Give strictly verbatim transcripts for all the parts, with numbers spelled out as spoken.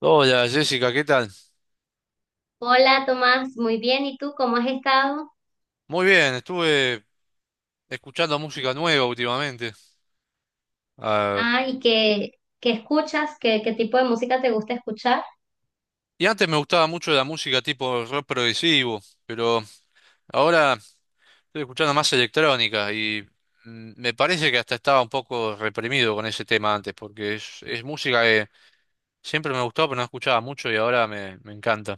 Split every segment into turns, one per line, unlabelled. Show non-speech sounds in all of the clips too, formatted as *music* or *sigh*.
Hola Jessica, ¿qué tal?
Hola Tomás, muy bien. ¿Y tú cómo has estado?
Muy bien, estuve escuchando música nueva últimamente. Ah,
Ah, ¿y qué, qué escuchas? ¿Qué, qué tipo de música te gusta escuchar?
y antes me gustaba mucho la música tipo rock progresivo, pero ahora estoy escuchando más electrónica y mm, me parece que hasta estaba un poco reprimido con ese tema antes, porque es, es música que siempre me gustó, pero no escuchaba mucho y ahora me, me encanta.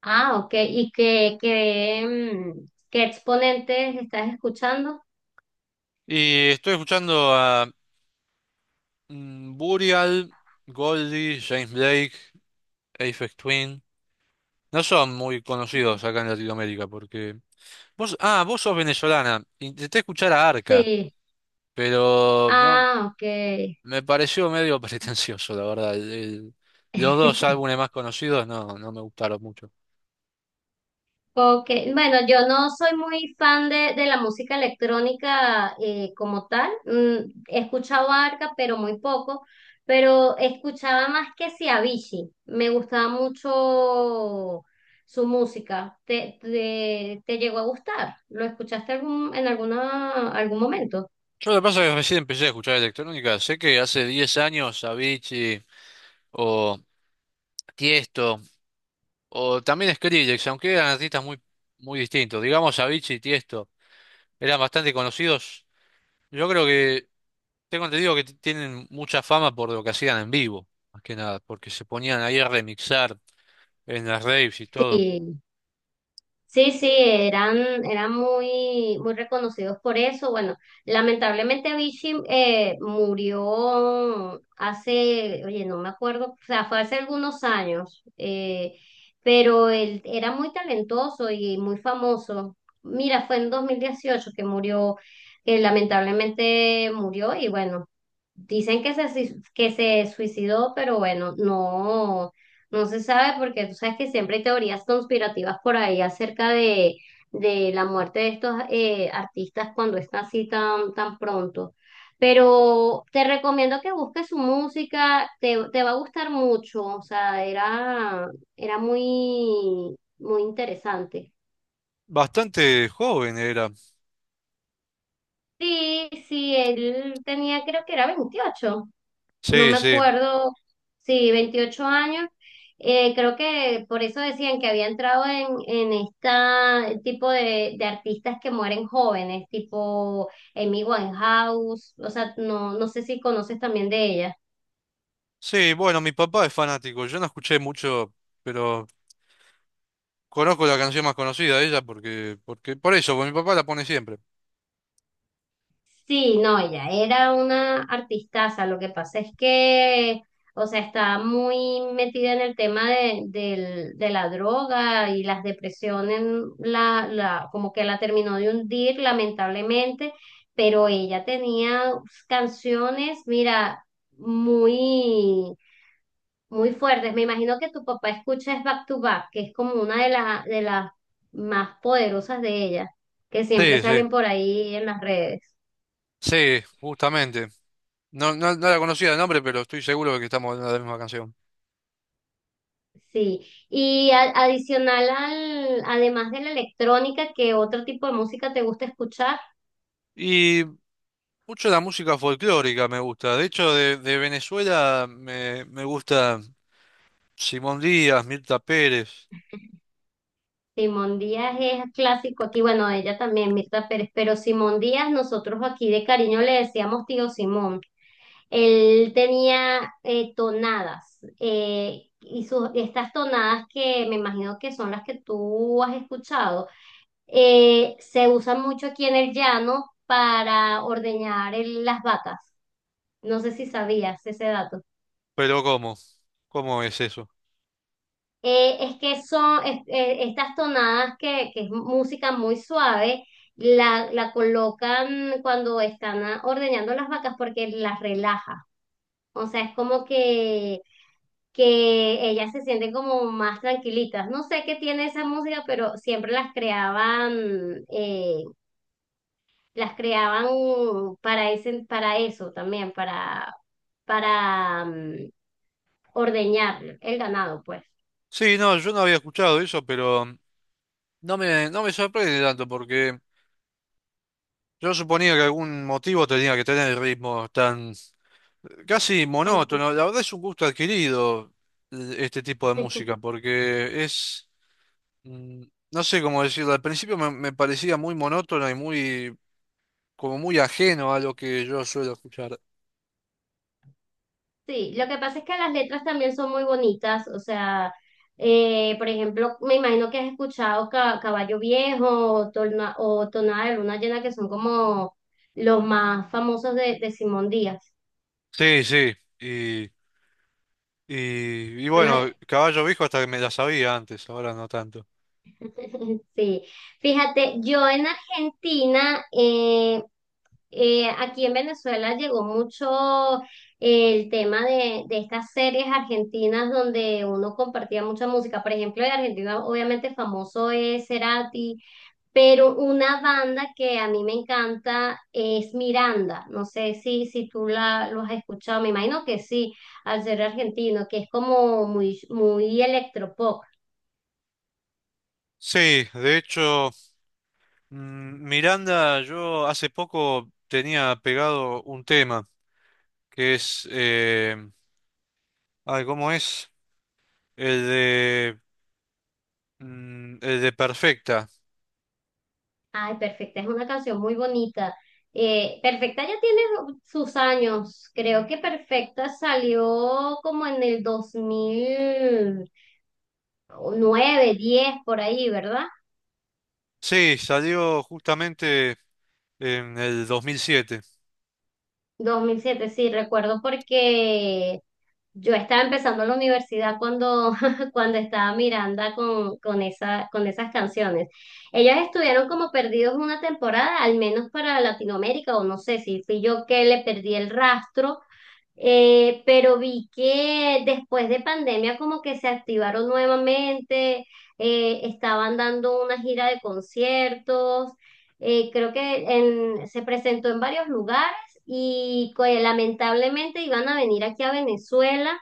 Ah, ok. ¿Y qué, qué, mm, qué exponentes estás escuchando?
Y estoy escuchando a mm, Burial, Goldie, James Blake, Aphex Twin. No son muy conocidos acá en Latinoamérica porque Vos, ah, vos sos venezolana. Intenté escuchar a Arca,
Sí.
pero no,
Ah, ok.
me pareció medio *laughs* pretencioso, la verdad. El- el- los dos
*laughs*
álbumes más conocidos no, no me gustaron mucho.
Ok, bueno, yo no soy muy fan de, de la música electrónica eh, como tal. Mm, he escuchado Arca, pero muy poco. Pero escuchaba más que si Avicii. Me gustaba mucho su música. ¿Te, te, te llegó a gustar? ¿Lo escuchaste algún, en alguna, algún momento?
Yo lo que pasa es que recién empecé a escuchar electrónica. Sé que hace diez años Avicii o Tiesto o también Skrillex, aunque eran artistas muy, muy distintos. Digamos Avicii y Tiesto eran bastante conocidos. Yo creo que tengo entendido que t- tienen mucha fama por lo que hacían en vivo, más que nada, porque se ponían ahí a remixar en las raves y todo.
Sí. Sí, sí, eran, eran muy, muy reconocidos por eso. Bueno, lamentablemente Avicii eh, murió hace, oye, no me acuerdo, o sea, fue hace algunos años, eh, pero él era muy talentoso y muy famoso. Mira, fue en dos mil dieciocho que murió, que lamentablemente murió y bueno, dicen que se, sui- que se suicidó, pero bueno, no. No se sabe porque tú sabes que siempre hay teorías conspirativas por ahí acerca de, de la muerte de estos eh, artistas cuando está así tan, tan pronto. Pero te recomiendo que busques su música, te, te va a gustar mucho, o sea, era, era muy, muy interesante.
Bastante joven era.
Sí, sí, él tenía, creo que era veintiocho, no
Sí,
me
sí.
acuerdo, sí, veintiocho años. Eh, creo que por eso decían que había entrado en, en este tipo de, de artistas que mueren jóvenes, tipo Amy Winehouse, o sea, no, no sé si conoces también de ella.
Sí, bueno, mi papá es fanático. Yo no escuché mucho, pero conozco la canción más conocida de ella porque, porque, por eso, porque mi papá la pone siempre.
Sí, no, ella era una artistaza. Lo que pasa es que, o sea, está muy metida en el tema de, del- de la droga y las depresiones, la, la, como que la terminó de hundir, lamentablemente, pero ella tenía canciones, mira, muy, muy fuertes. Me imagino que tu papá escucha es Back to Back, que es como una de las, de las más poderosas de ella, que siempre
Sí, sí.
salen por ahí en las redes.
Sí, justamente. No, no, no la conocía de nombre, pero estoy seguro de que estamos hablando de la misma canción.
Sí, y a- adicional al, además de la electrónica, ¿qué otro tipo de música te gusta escuchar?
Y mucho la música folclórica me gusta. De hecho, de, de Venezuela me, me gusta Simón Díaz, Mirta Pérez.
Simón Díaz es clásico aquí, bueno, ella también, Mirta Pérez, pero Simón Díaz, nosotros aquí de cariño le decíamos tío Simón. Él tenía eh, tonadas, eh, y sus, estas tonadas que me imagino que son las que tú has escuchado, eh, se usan mucho aquí en el llano para ordeñar el- las vacas. No sé si sabías ese dato.
Pero ¿cómo? ¿Cómo es eso?
Eh, es que son es- eh, Estas tonadas que, que es música muy suave, la, la colocan cuando están ah, ordeñando las vacas porque las relaja. O sea, es como que, que ellas se sienten como más tranquilitas. No sé qué tiene esa música, pero siempre las creaban, eh, las creaban para ese, para eso también, para, para mm, ordeñar el ganado, pues.
Sí, no, yo no había escuchado eso, pero no me, no me sorprende tanto porque yo suponía que algún motivo tenía que tener ritmos tan casi
Tan-
monótono. La verdad es un gusto adquirido eh, este tipo de
*laughs*
música porque es, mm, no sé cómo decirlo, al principio me, me parecía muy monótono y muy, como muy ajeno a lo que yo suelo escuchar.
Sí, lo que pasa es que las letras también son muy bonitas, o sea, eh, por ejemplo, me imagino que has escuchado Ca- Caballo Viejo o, Torna- o Tonada de Luna Llena, que son como los más famosos de, de Simón Díaz.
Sí, sí, y, y, y
Una-
bueno, Caballo Viejo hasta que me la sabía antes, ahora no tanto.
*laughs* Sí, fíjate, yo en Argentina, eh, eh, aquí en Venezuela llegó mucho el tema de, de estas series argentinas donde uno compartía mucha música. Por ejemplo, en Argentina obviamente famoso es Cerati. Pero una banda que a mí me encanta es Miranda. No sé si, si tú la, lo has escuchado, me imagino que sí, al ser argentino, que es como muy, muy electropop.
Sí, de hecho... Mm, Miranda, yo hace poco tenía pegado un tema que es, eh, ay, ¿cómo es? El de, mm, el de Perfecta.
Ay, perfecta, es una canción muy bonita. Eh, Perfecta ya tiene sus años. Creo que Perfecta salió como en el dos mil nueve diez por ahí, ¿verdad?
Sí, salió justamente en el dos mil siete.
Dos mil siete sí, recuerdo porque yo estaba empezando la universidad cuando, *laughs* cuando estaba Miranda con, con, esa, con esas canciones. Ellas estuvieron como perdidos una temporada, al menos para Latinoamérica, o no sé si fui yo que le perdí el rastro, eh, pero vi que después de pandemia como que se activaron nuevamente, eh, estaban dando una gira de conciertos. eh, creo que en- se presentó en varios lugares y pues, lamentablemente iban a venir aquí a Venezuela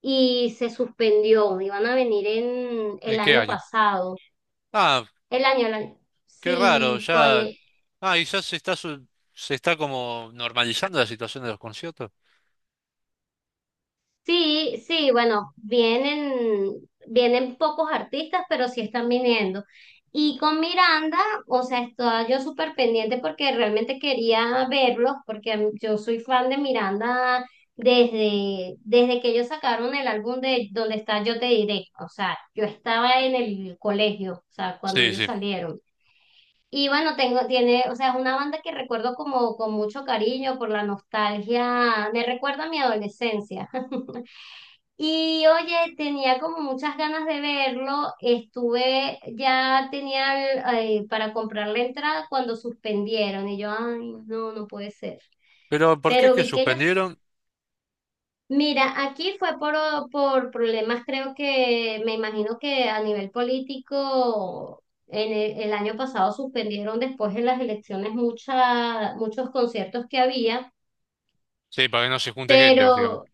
y se suspendió, iban a venir en el
¿En qué
año
año?
pasado,
Ah,
el año, el año-
qué raro,
sí, co-
ya, ah, quizás se está, su- se está como normalizando la situación de los conciertos.
Sí, sí, bueno, vienen, vienen pocos artistas, pero sí están viniendo. Y con Miranda, o sea, estaba yo súper pendiente porque realmente quería verlos, porque a mí- yo soy fan de Miranda desde, desde que ellos sacaron el álbum de Donde está Yo te diré. O sea, yo estaba en el colegio, o sea, cuando
Sí,
ellos
sí.
salieron. Y bueno, tengo, tiene, o sea, es una banda que recuerdo como con mucho cariño por la nostalgia, me recuerda a mi adolescencia. *laughs* Y oye, tenía como muchas ganas de verlo. Estuve, ya tenía el, eh, para comprar la entrada cuando suspendieron y yo, ay, no, no puede ser.
Pero ¿por qué es
Pero
que
vi que ellos,
suspendieron?
mira, aquí fue por, por problemas, creo que, me imagino que a nivel político, en el, el año pasado suspendieron después de las elecciones mucha, muchos conciertos que había.
Sí, para que no se junte gente,
Pero
básicamente.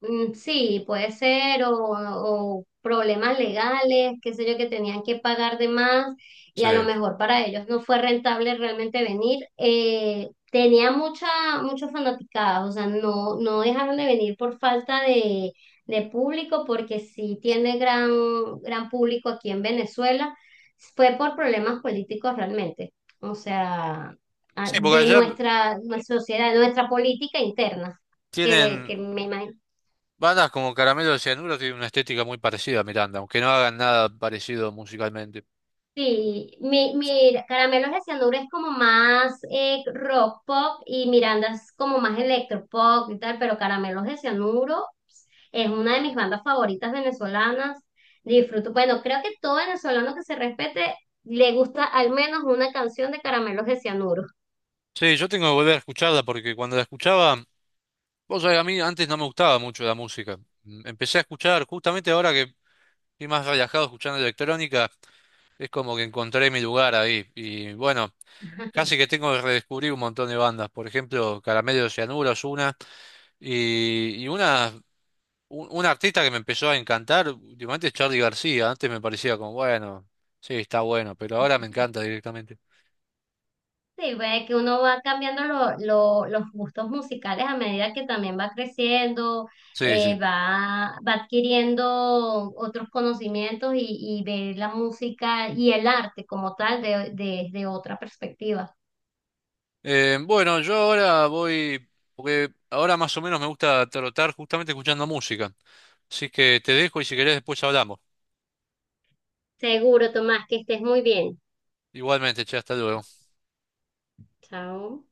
mm, sí, puede ser, o, o problemas legales, qué sé yo, que tenían que pagar de más y
Sí.
a lo mejor para ellos no fue rentable realmente venir. Eh, tenía mucha, muchos fanaticados, o sea, no, no dejaron de venir por falta de, de público, porque sí tiene gran, gran público aquí en Venezuela. Fue por problemas políticos realmente, o sea, a-
Sí, porque
de
allá
nuestra, nuestra sociedad, de nuestra política interna que, le-
tienen
que me imagino.
bandas como Caramelo de Cianuro, tienen una estética muy parecida a Miranda, aunque no hagan nada parecido musicalmente.
Sí, mi, mi Caramelos de Cianuro es como más eh, rock pop y Miranda es como más electropop y tal, pero Caramelos de Cianuro es una de mis bandas favoritas venezolanas. Disfruto, bueno, creo que todo venezolano que se respete le gusta al menos una canción de Caramelos de Cianuro.
Sí, yo tengo que volver a escucharla porque cuando la escuchaba, vos sabés, a mí antes no me gustaba mucho la música. Mm, Empecé a escuchar, justamente ahora que estoy más relajado escuchando electrónica, es como que encontré mi lugar ahí. Y bueno, casi que tengo que redescubrir un montón de bandas. Por ejemplo, Caramelo de Cianuro es una, y, y una Un, un artista que me empezó a encantar últimamente es Charly García. Antes me parecía como, bueno, sí, está bueno, pero ahora me encanta directamente.
Sí, ve que uno va cambiando lo- lo- los gustos musicales a medida que también va creciendo,
Sí,
eh,
sí.
va, va adquiriendo otros conocimientos y, y ve la música y el arte como tal de- desde otra perspectiva.
Eh, bueno, yo ahora voy, porque ahora más o menos me gusta trotar justamente escuchando música. Así que te dejo y si querés después hablamos.
Seguro, Tomás, que estés muy bien.
Igualmente, che, hasta luego.
Chao.